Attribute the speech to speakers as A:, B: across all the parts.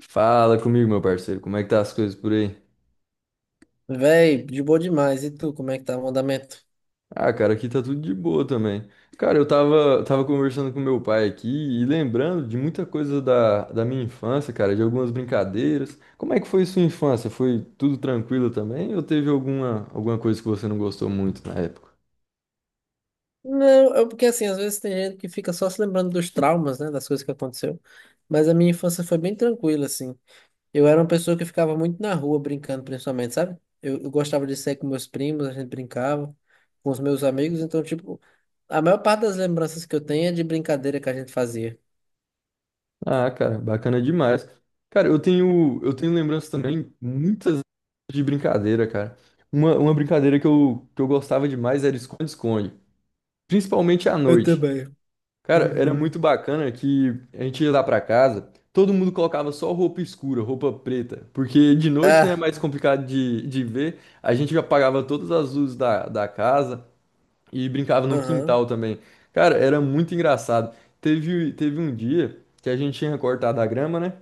A: Fala comigo, meu parceiro. Como é que tá as coisas por aí?
B: Véi, de boa demais. E tu, como é que tá o andamento?
A: Ah, cara, aqui tá tudo de boa também. Cara, eu tava conversando com meu pai aqui e lembrando de muita coisa da minha infância, cara, de algumas brincadeiras. Como é que foi sua infância? Foi tudo tranquilo também ou teve alguma coisa que você não gostou muito na época?
B: Não, é porque assim, às vezes tem gente que fica só se lembrando dos traumas, né, das coisas que aconteceu. Mas a minha infância foi bem tranquila, assim. Eu era uma pessoa que ficava muito na rua brincando, principalmente, sabe? Eu gostava de sair com meus primos, a gente brincava com os meus amigos. Então, tipo, a maior parte das lembranças que eu tenho é de brincadeira que a gente fazia.
A: Ah, cara, bacana demais. Cara, eu tenho lembranças também muitas de brincadeira, cara. Uma brincadeira que eu gostava demais era esconde-esconde, principalmente à
B: Eu
A: noite.
B: também.
A: Cara, era
B: Uhum.
A: muito bacana que a gente ia lá pra casa, todo mundo colocava só roupa escura, roupa preta, porque de noite, né, é
B: Ah,
A: mais complicado de ver, a gente apagava todas as luzes da casa e brincava no
B: aham,
A: quintal também. Cara, era muito engraçado. Teve um dia que a gente tinha cortado a grama, né?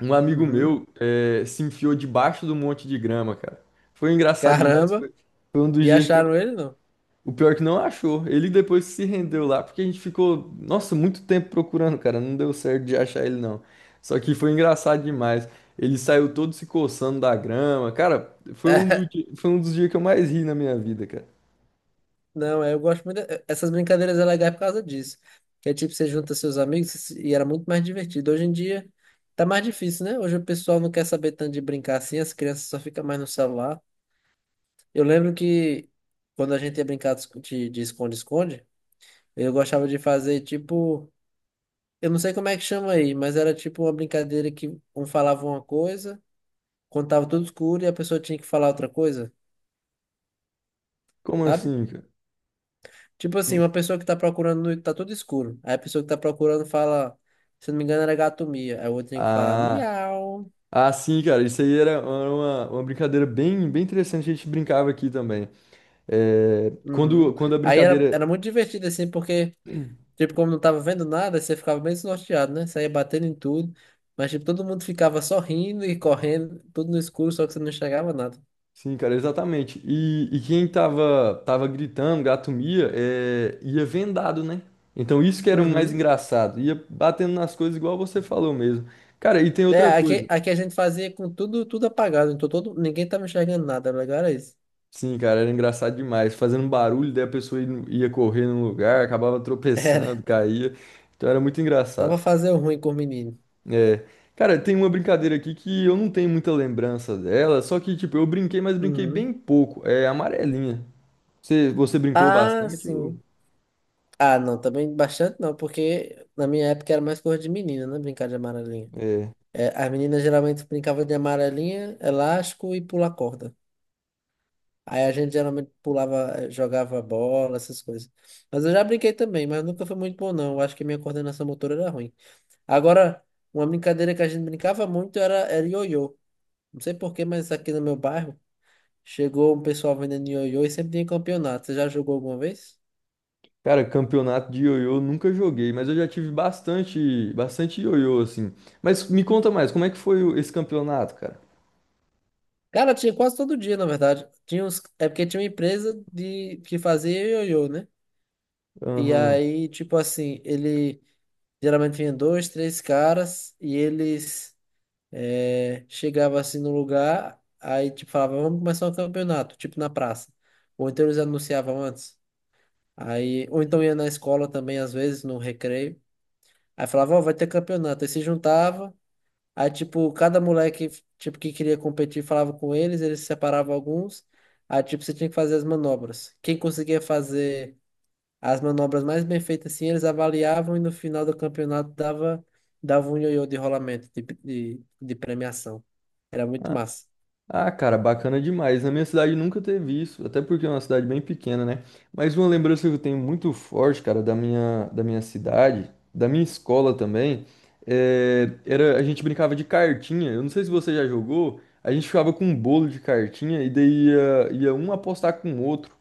A: Um amigo
B: uhum.
A: meu se enfiou debaixo do monte de grama, cara. Foi engraçado demais.
B: Caramba.
A: Foi um dos
B: E
A: dias que eu.
B: acharam ele, não?
A: O pior é que não achou. Ele depois se rendeu lá, porque a gente ficou, nossa, muito tempo procurando, cara. Não deu certo de achar ele, não. Só que foi engraçado demais. Ele saiu todo se coçando da grama. Cara, foi um, do di- foi um dos dias que eu mais ri na minha vida, cara.
B: Não, é, eu gosto muito. É, essas brincadeiras é legal por causa disso. Que é tipo, você junta seus amigos e era muito mais divertido. Hoje em dia tá mais difícil, né? Hoje o pessoal não quer saber tanto de brincar assim, as crianças só ficam mais no celular. Eu lembro que quando a gente ia brincar de esconde-esconde, eu gostava de fazer tipo. Eu não sei como é que chama aí, mas era tipo uma brincadeira que um falava uma coisa, contava tudo escuro e a pessoa tinha que falar outra coisa,
A: Como
B: sabe?
A: assim, cara?
B: Tipo assim,
A: Não-
B: uma pessoa que tá procurando, tá tudo escuro. Aí a pessoa que tá procurando fala, se não me engano, era gato mia. Aí o outro tem que falar
A: Ah,
B: miau.
A: ah, sim, cara. Isso aí era uma brincadeira bem interessante. A gente brincava aqui também. É, quando,
B: Uhum.
A: quando a
B: Aí era, era
A: brincadeira.
B: muito divertido, assim, porque, tipo, como não tava vendo nada, você ficava bem desnorteado, né? Saía batendo em tudo. Mas, tipo, todo mundo ficava sorrindo e correndo, tudo no escuro, só que você não enxergava nada.
A: Sim, cara, exatamente. E quem tava gritando, gato mia, é, ia vendado, né? Então isso que era o mais
B: Uhum.
A: engraçado. Ia batendo nas coisas igual você falou mesmo. Cara, e tem
B: É,
A: outra
B: aqui,
A: coisa.
B: aqui a gente fazia com tudo, tudo apagado, então todo, ninguém tava enxergando nada, o legal era isso.
A: Sim, cara, era engraçado demais. Fazendo barulho, daí a pessoa ia correr no lugar, acabava tropeçando,
B: Era,
A: caía. Então era muito
B: só pra
A: engraçado.
B: fazer o ruim com o menino.
A: É. Cara, tem uma brincadeira aqui que eu não tenho muita lembrança dela, só que, tipo, eu brinquei, mas brinquei
B: Uhum.
A: bem pouco. É amarelinha. Você brincou
B: Ah,
A: bastante?
B: sim. Ah, não, também bastante não, porque na minha época era mais coisa de menina, né? Brincar de amarelinha.
A: É.
B: É, as meninas geralmente brincavam de amarelinha, elástico e pular corda. Aí a gente geralmente pulava, jogava bola, essas coisas. Mas eu já brinquei também, mas nunca foi muito bom, não. Eu acho que minha coordenação motora era ruim. Agora, uma brincadeira que a gente brincava muito era, era ioiô. Não sei por quê, mas aqui no meu bairro chegou um pessoal vendendo ioiô e sempre tinha campeonato. Você já jogou alguma vez?
A: Cara, campeonato de ioiô eu nunca joguei, mas eu já tive bastante, bastante ioiô, assim. Mas me conta mais, como é que foi esse campeonato, cara?
B: Cara, tinha quase todo dia, na verdade. Tinha uns... É porque tinha uma empresa de... que fazia ioiô, né? E
A: Aham.
B: aí, tipo assim, ele geralmente vinha dois, três caras e eles chegavam assim no lugar, aí tipo falava vamos começar um campeonato, tipo na praça. Ou então eles anunciavam antes. Aí... Ou então ia na escola também, às vezes, no recreio. Aí falava, ó, vai ter campeonato. Aí se juntava. Aí, tipo, cada moleque, tipo, que queria competir falava com eles, eles separavam alguns. Aí, tipo, você tinha que fazer as manobras. Quem conseguia fazer as manobras mais bem feitas, assim, eles avaliavam e no final do campeonato dava, dava um ioiô de rolamento, de premiação. Era muito
A: Ah,
B: massa.
A: ah, cara, bacana demais. Na minha cidade nunca teve isso, até porque é uma cidade bem pequena, né? Mas uma lembrança que eu tenho muito forte, cara, da minha cidade, da minha escola também, é, era, a gente brincava de cartinha. Eu não sei se você já jogou, a gente ficava com um bolo de cartinha e daí ia um apostar com o outro.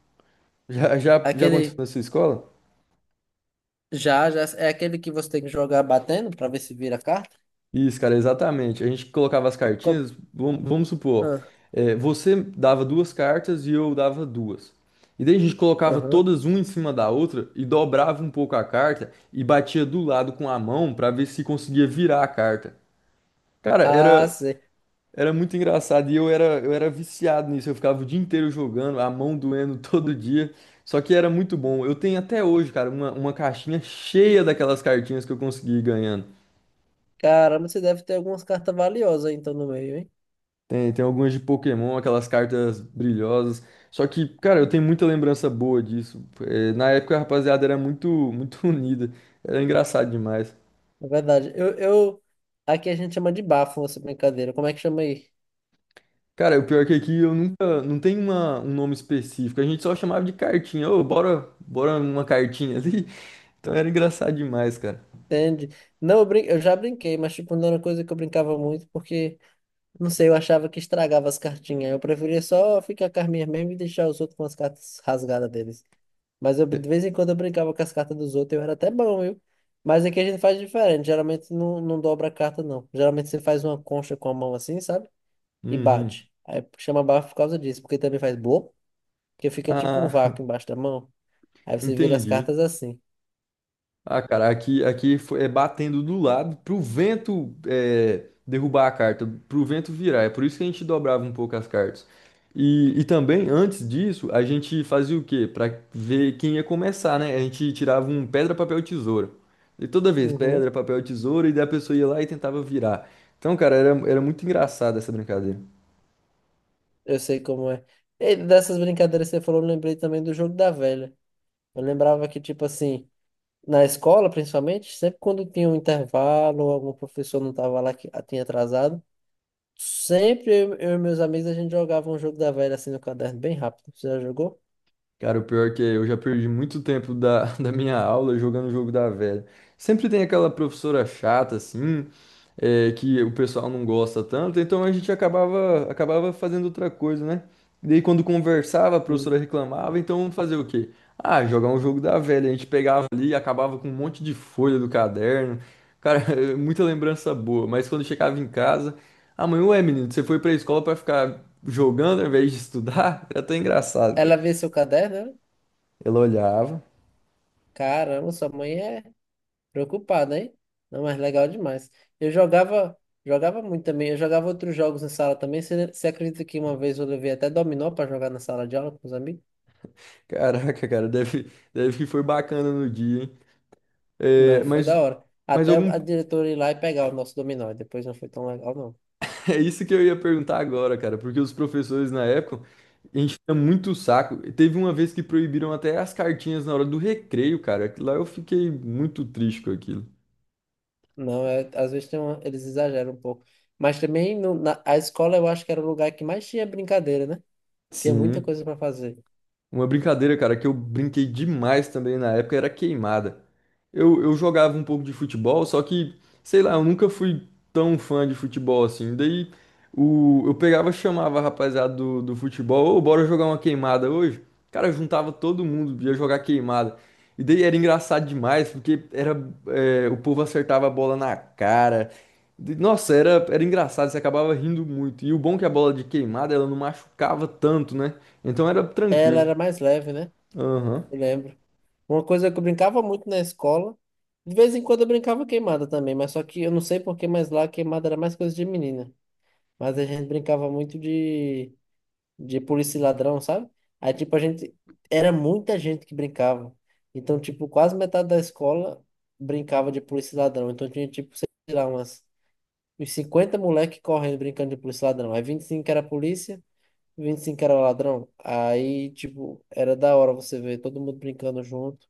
A: Já, já, já aconteceu
B: Aquele,
A: na sua escola?
B: já, é aquele que você tem que jogar batendo pra ver se vira a carta?
A: Isso, cara, exatamente. A gente colocava as
B: Com...
A: cartinhas, vamos supor,
B: Ah,
A: você dava duas cartas e eu dava duas. E daí a gente colocava
B: aham.
A: todas uma em cima da outra e dobrava um pouco a carta e batia do lado com a mão pra ver se conseguia virar a carta. Cara,
B: Ah,
A: era,
B: sei.
A: era muito engraçado e eu era viciado nisso. Eu ficava o dia inteiro jogando, a mão doendo todo dia. Só que era muito bom. Eu tenho até hoje, cara, uma caixinha cheia daquelas cartinhas que eu consegui ir ganhando.
B: Caramba, você deve ter algumas cartas valiosas aí, então no meio, hein?
A: Tem algumas de Pokémon, aquelas cartas brilhosas. Só que, cara, eu tenho muita lembrança boa disso. É, na época a rapaziada era muito, muito unida. Era engraçado demais.
B: É verdade. Aqui a gente chama de bafo essa brincadeira. Como é que chama aí?
A: Cara, o pior que aqui eu nunca. Não tem um nome específico. A gente só chamava de cartinha. Ô, bora uma cartinha ali. Então era engraçado demais, cara.
B: Entende? Não, eu já brinquei, mas tipo, não era uma coisa que eu brincava muito, porque, não sei, eu achava que estragava as cartinhas. Eu preferia só ficar com as minhas mesmo e deixar os outros com as cartas rasgadas deles. Mas eu,
A: É.
B: de vez em quando eu brincava com as cartas dos outros, eu era até bom, viu? Mas aqui a gente faz diferente. Geralmente não dobra a carta, não. Geralmente você faz uma concha com a mão assim, sabe? E
A: Uhum.
B: bate. Aí chama bafo por causa disso, porque também faz bloco, que fica tipo um
A: Ah,
B: vácuo embaixo da mão. Aí você vira as
A: entendi.
B: cartas assim.
A: Ah, cara, aqui é batendo do lado pro vento é, derrubar a carta, pro vento virar. É por isso que a gente dobrava um pouco as cartas. E também, antes disso, a gente fazia o quê? Pra ver quem ia começar, né? A gente tirava um pedra, papel, tesoura. E toda vez,
B: Uhum.
A: pedra, papel, tesoura, e daí a pessoa ia lá e tentava virar. Então, cara, era muito engraçado essa brincadeira.
B: Eu sei como é. E dessas brincadeiras que você falou, eu lembrei também do jogo da velha. Eu lembrava que, tipo assim, na escola, principalmente, sempre quando tinha um intervalo, algum professor não tava lá que tinha atrasado. Sempre eu e meus amigos a gente jogava um jogo da velha assim no caderno, bem rápido. Você já jogou?
A: Cara, o pior é que eu já perdi muito tempo da, da minha aula jogando o jogo da velha. Sempre tem aquela professora chata, assim, é, que o pessoal não gosta tanto, então a gente acabava fazendo outra coisa, né? E daí quando conversava, a professora
B: Hum.
A: reclamava, então fazer o quê? Ah, jogar um jogo da velha. A gente pegava ali e acabava com um monte de folha do caderno. Cara, é muita lembrança boa, mas quando chegava em casa, ah, mãe, ué, menino, você foi pra escola pra ficar jogando ao invés de estudar? Era até engraçado, cara.
B: Ela vê seu caderno, né?
A: Ela olhava.
B: Caramba, sua mãe é preocupada, hein? Não, mas legal demais. Eu jogava, jogava muito também. Eu jogava outros jogos na sala também. Você acredita que uma vez eu levei até dominó para jogar na sala de aula com os amigos?
A: Caraca, cara, deve que foi bacana no dia, hein?
B: Não,
A: É,
B: foi da
A: mas,
B: hora.
A: mas
B: Até
A: algum.
B: a diretora ir lá e pegar o nosso dominó. Depois não foi tão legal, não.
A: É isso que eu ia perguntar agora, cara, porque os professores na época enchiam muito o saco. Teve uma vez que proibiram até as cartinhas na hora do recreio, cara. Lá eu fiquei muito triste com aquilo.
B: Não, é, às vezes tem eles exageram um pouco. Mas também a escola eu acho que era o lugar que mais tinha brincadeira, né? Tinha muita
A: Sim.
B: coisa para fazer.
A: Uma brincadeira, cara, que eu brinquei demais também na época era queimada. Eu jogava um pouco de futebol, só que, sei lá, eu nunca fui tão fã de futebol assim. Daí eu pegava, chamava a rapaziada do futebol, ô, bora jogar uma queimada hoje? Cara, juntava todo mundo, ia jogar queimada. E daí era engraçado demais, porque era, o povo acertava a bola na cara. Nossa, era engraçado, você acabava rindo muito. E o bom é que a bola de queimada, ela não machucava tanto, né? Então era
B: Ela
A: tranquilo.
B: era mais leve, né?
A: Aham.
B: Eu lembro. Uma coisa que eu brincava muito na escola, de vez em quando eu brincava queimada também, mas só que eu não sei por que, mas lá queimada era mais coisa de menina. Mas a gente brincava muito de polícia e ladrão, sabe? Aí, tipo, a gente. Era muita gente que brincava. Então, tipo, quase metade da escola brincava de polícia e ladrão. Então tinha, tipo, sei lá, uns 50 moleque correndo brincando de polícia e ladrão. Aí 25 era polícia. 25 era ladrão. Aí, tipo, era da hora você ver todo mundo brincando junto,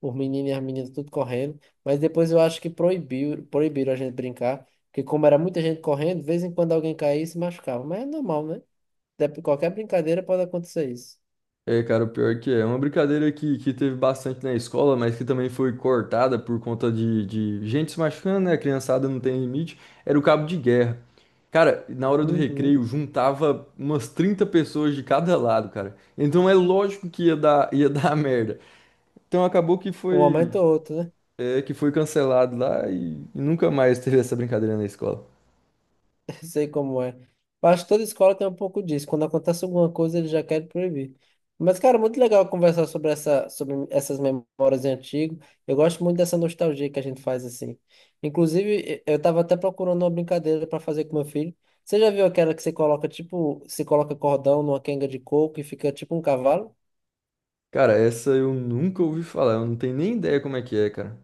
B: os meninos e as meninas tudo correndo. Mas depois eu acho que proibiram a gente brincar, porque como era muita gente correndo, de vez em quando alguém caía e se machucava. Mas é normal, né? Qualquer brincadeira pode acontecer isso.
A: É, cara, o pior que é. É uma brincadeira que teve bastante na escola, mas que também foi cortada por conta de gente se machucando, né? A criançada não tem limite. Era o cabo de guerra. Cara, na hora do
B: Uhum.
A: recreio, juntava umas 30 pessoas de cada lado, cara. Então é lógico que ia dar, ia dar merda. Então acabou que
B: Um
A: foi,
B: momento ou outro, né?
A: que foi cancelado lá e nunca mais teve essa brincadeira na escola.
B: Sei como é. Acho que toda escola tem um pouco disso. Quando acontece alguma coisa, eles já querem proibir. Mas, cara, muito legal conversar sobre sobre essas memórias de antigo. Eu gosto muito dessa nostalgia que a gente faz assim. Inclusive, eu tava até procurando uma brincadeira para fazer com meu filho. Você já viu aquela que você coloca, tipo, você coloca cordão numa quenga de coco e fica tipo um cavalo?
A: Cara, essa eu nunca ouvi falar. Eu não tenho nem ideia como é que é, cara.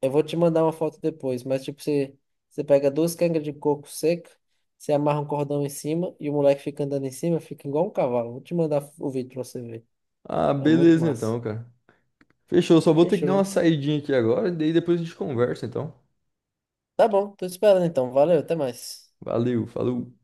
B: Eu vou te mandar uma foto depois, mas tipo, você pega duas cangas de coco seca, você amarra um cordão em cima e o moleque fica andando em cima, fica igual um cavalo. Vou te mandar o vídeo pra você ver.
A: Ah,
B: É muito
A: beleza
B: massa.
A: então, cara. Fechou, só vou ter que dar uma
B: Fechou.
A: saidinha aqui agora, e daí depois a gente conversa, então.
B: Tá bom, tô te esperando então. Valeu, até mais.
A: Valeu, falou.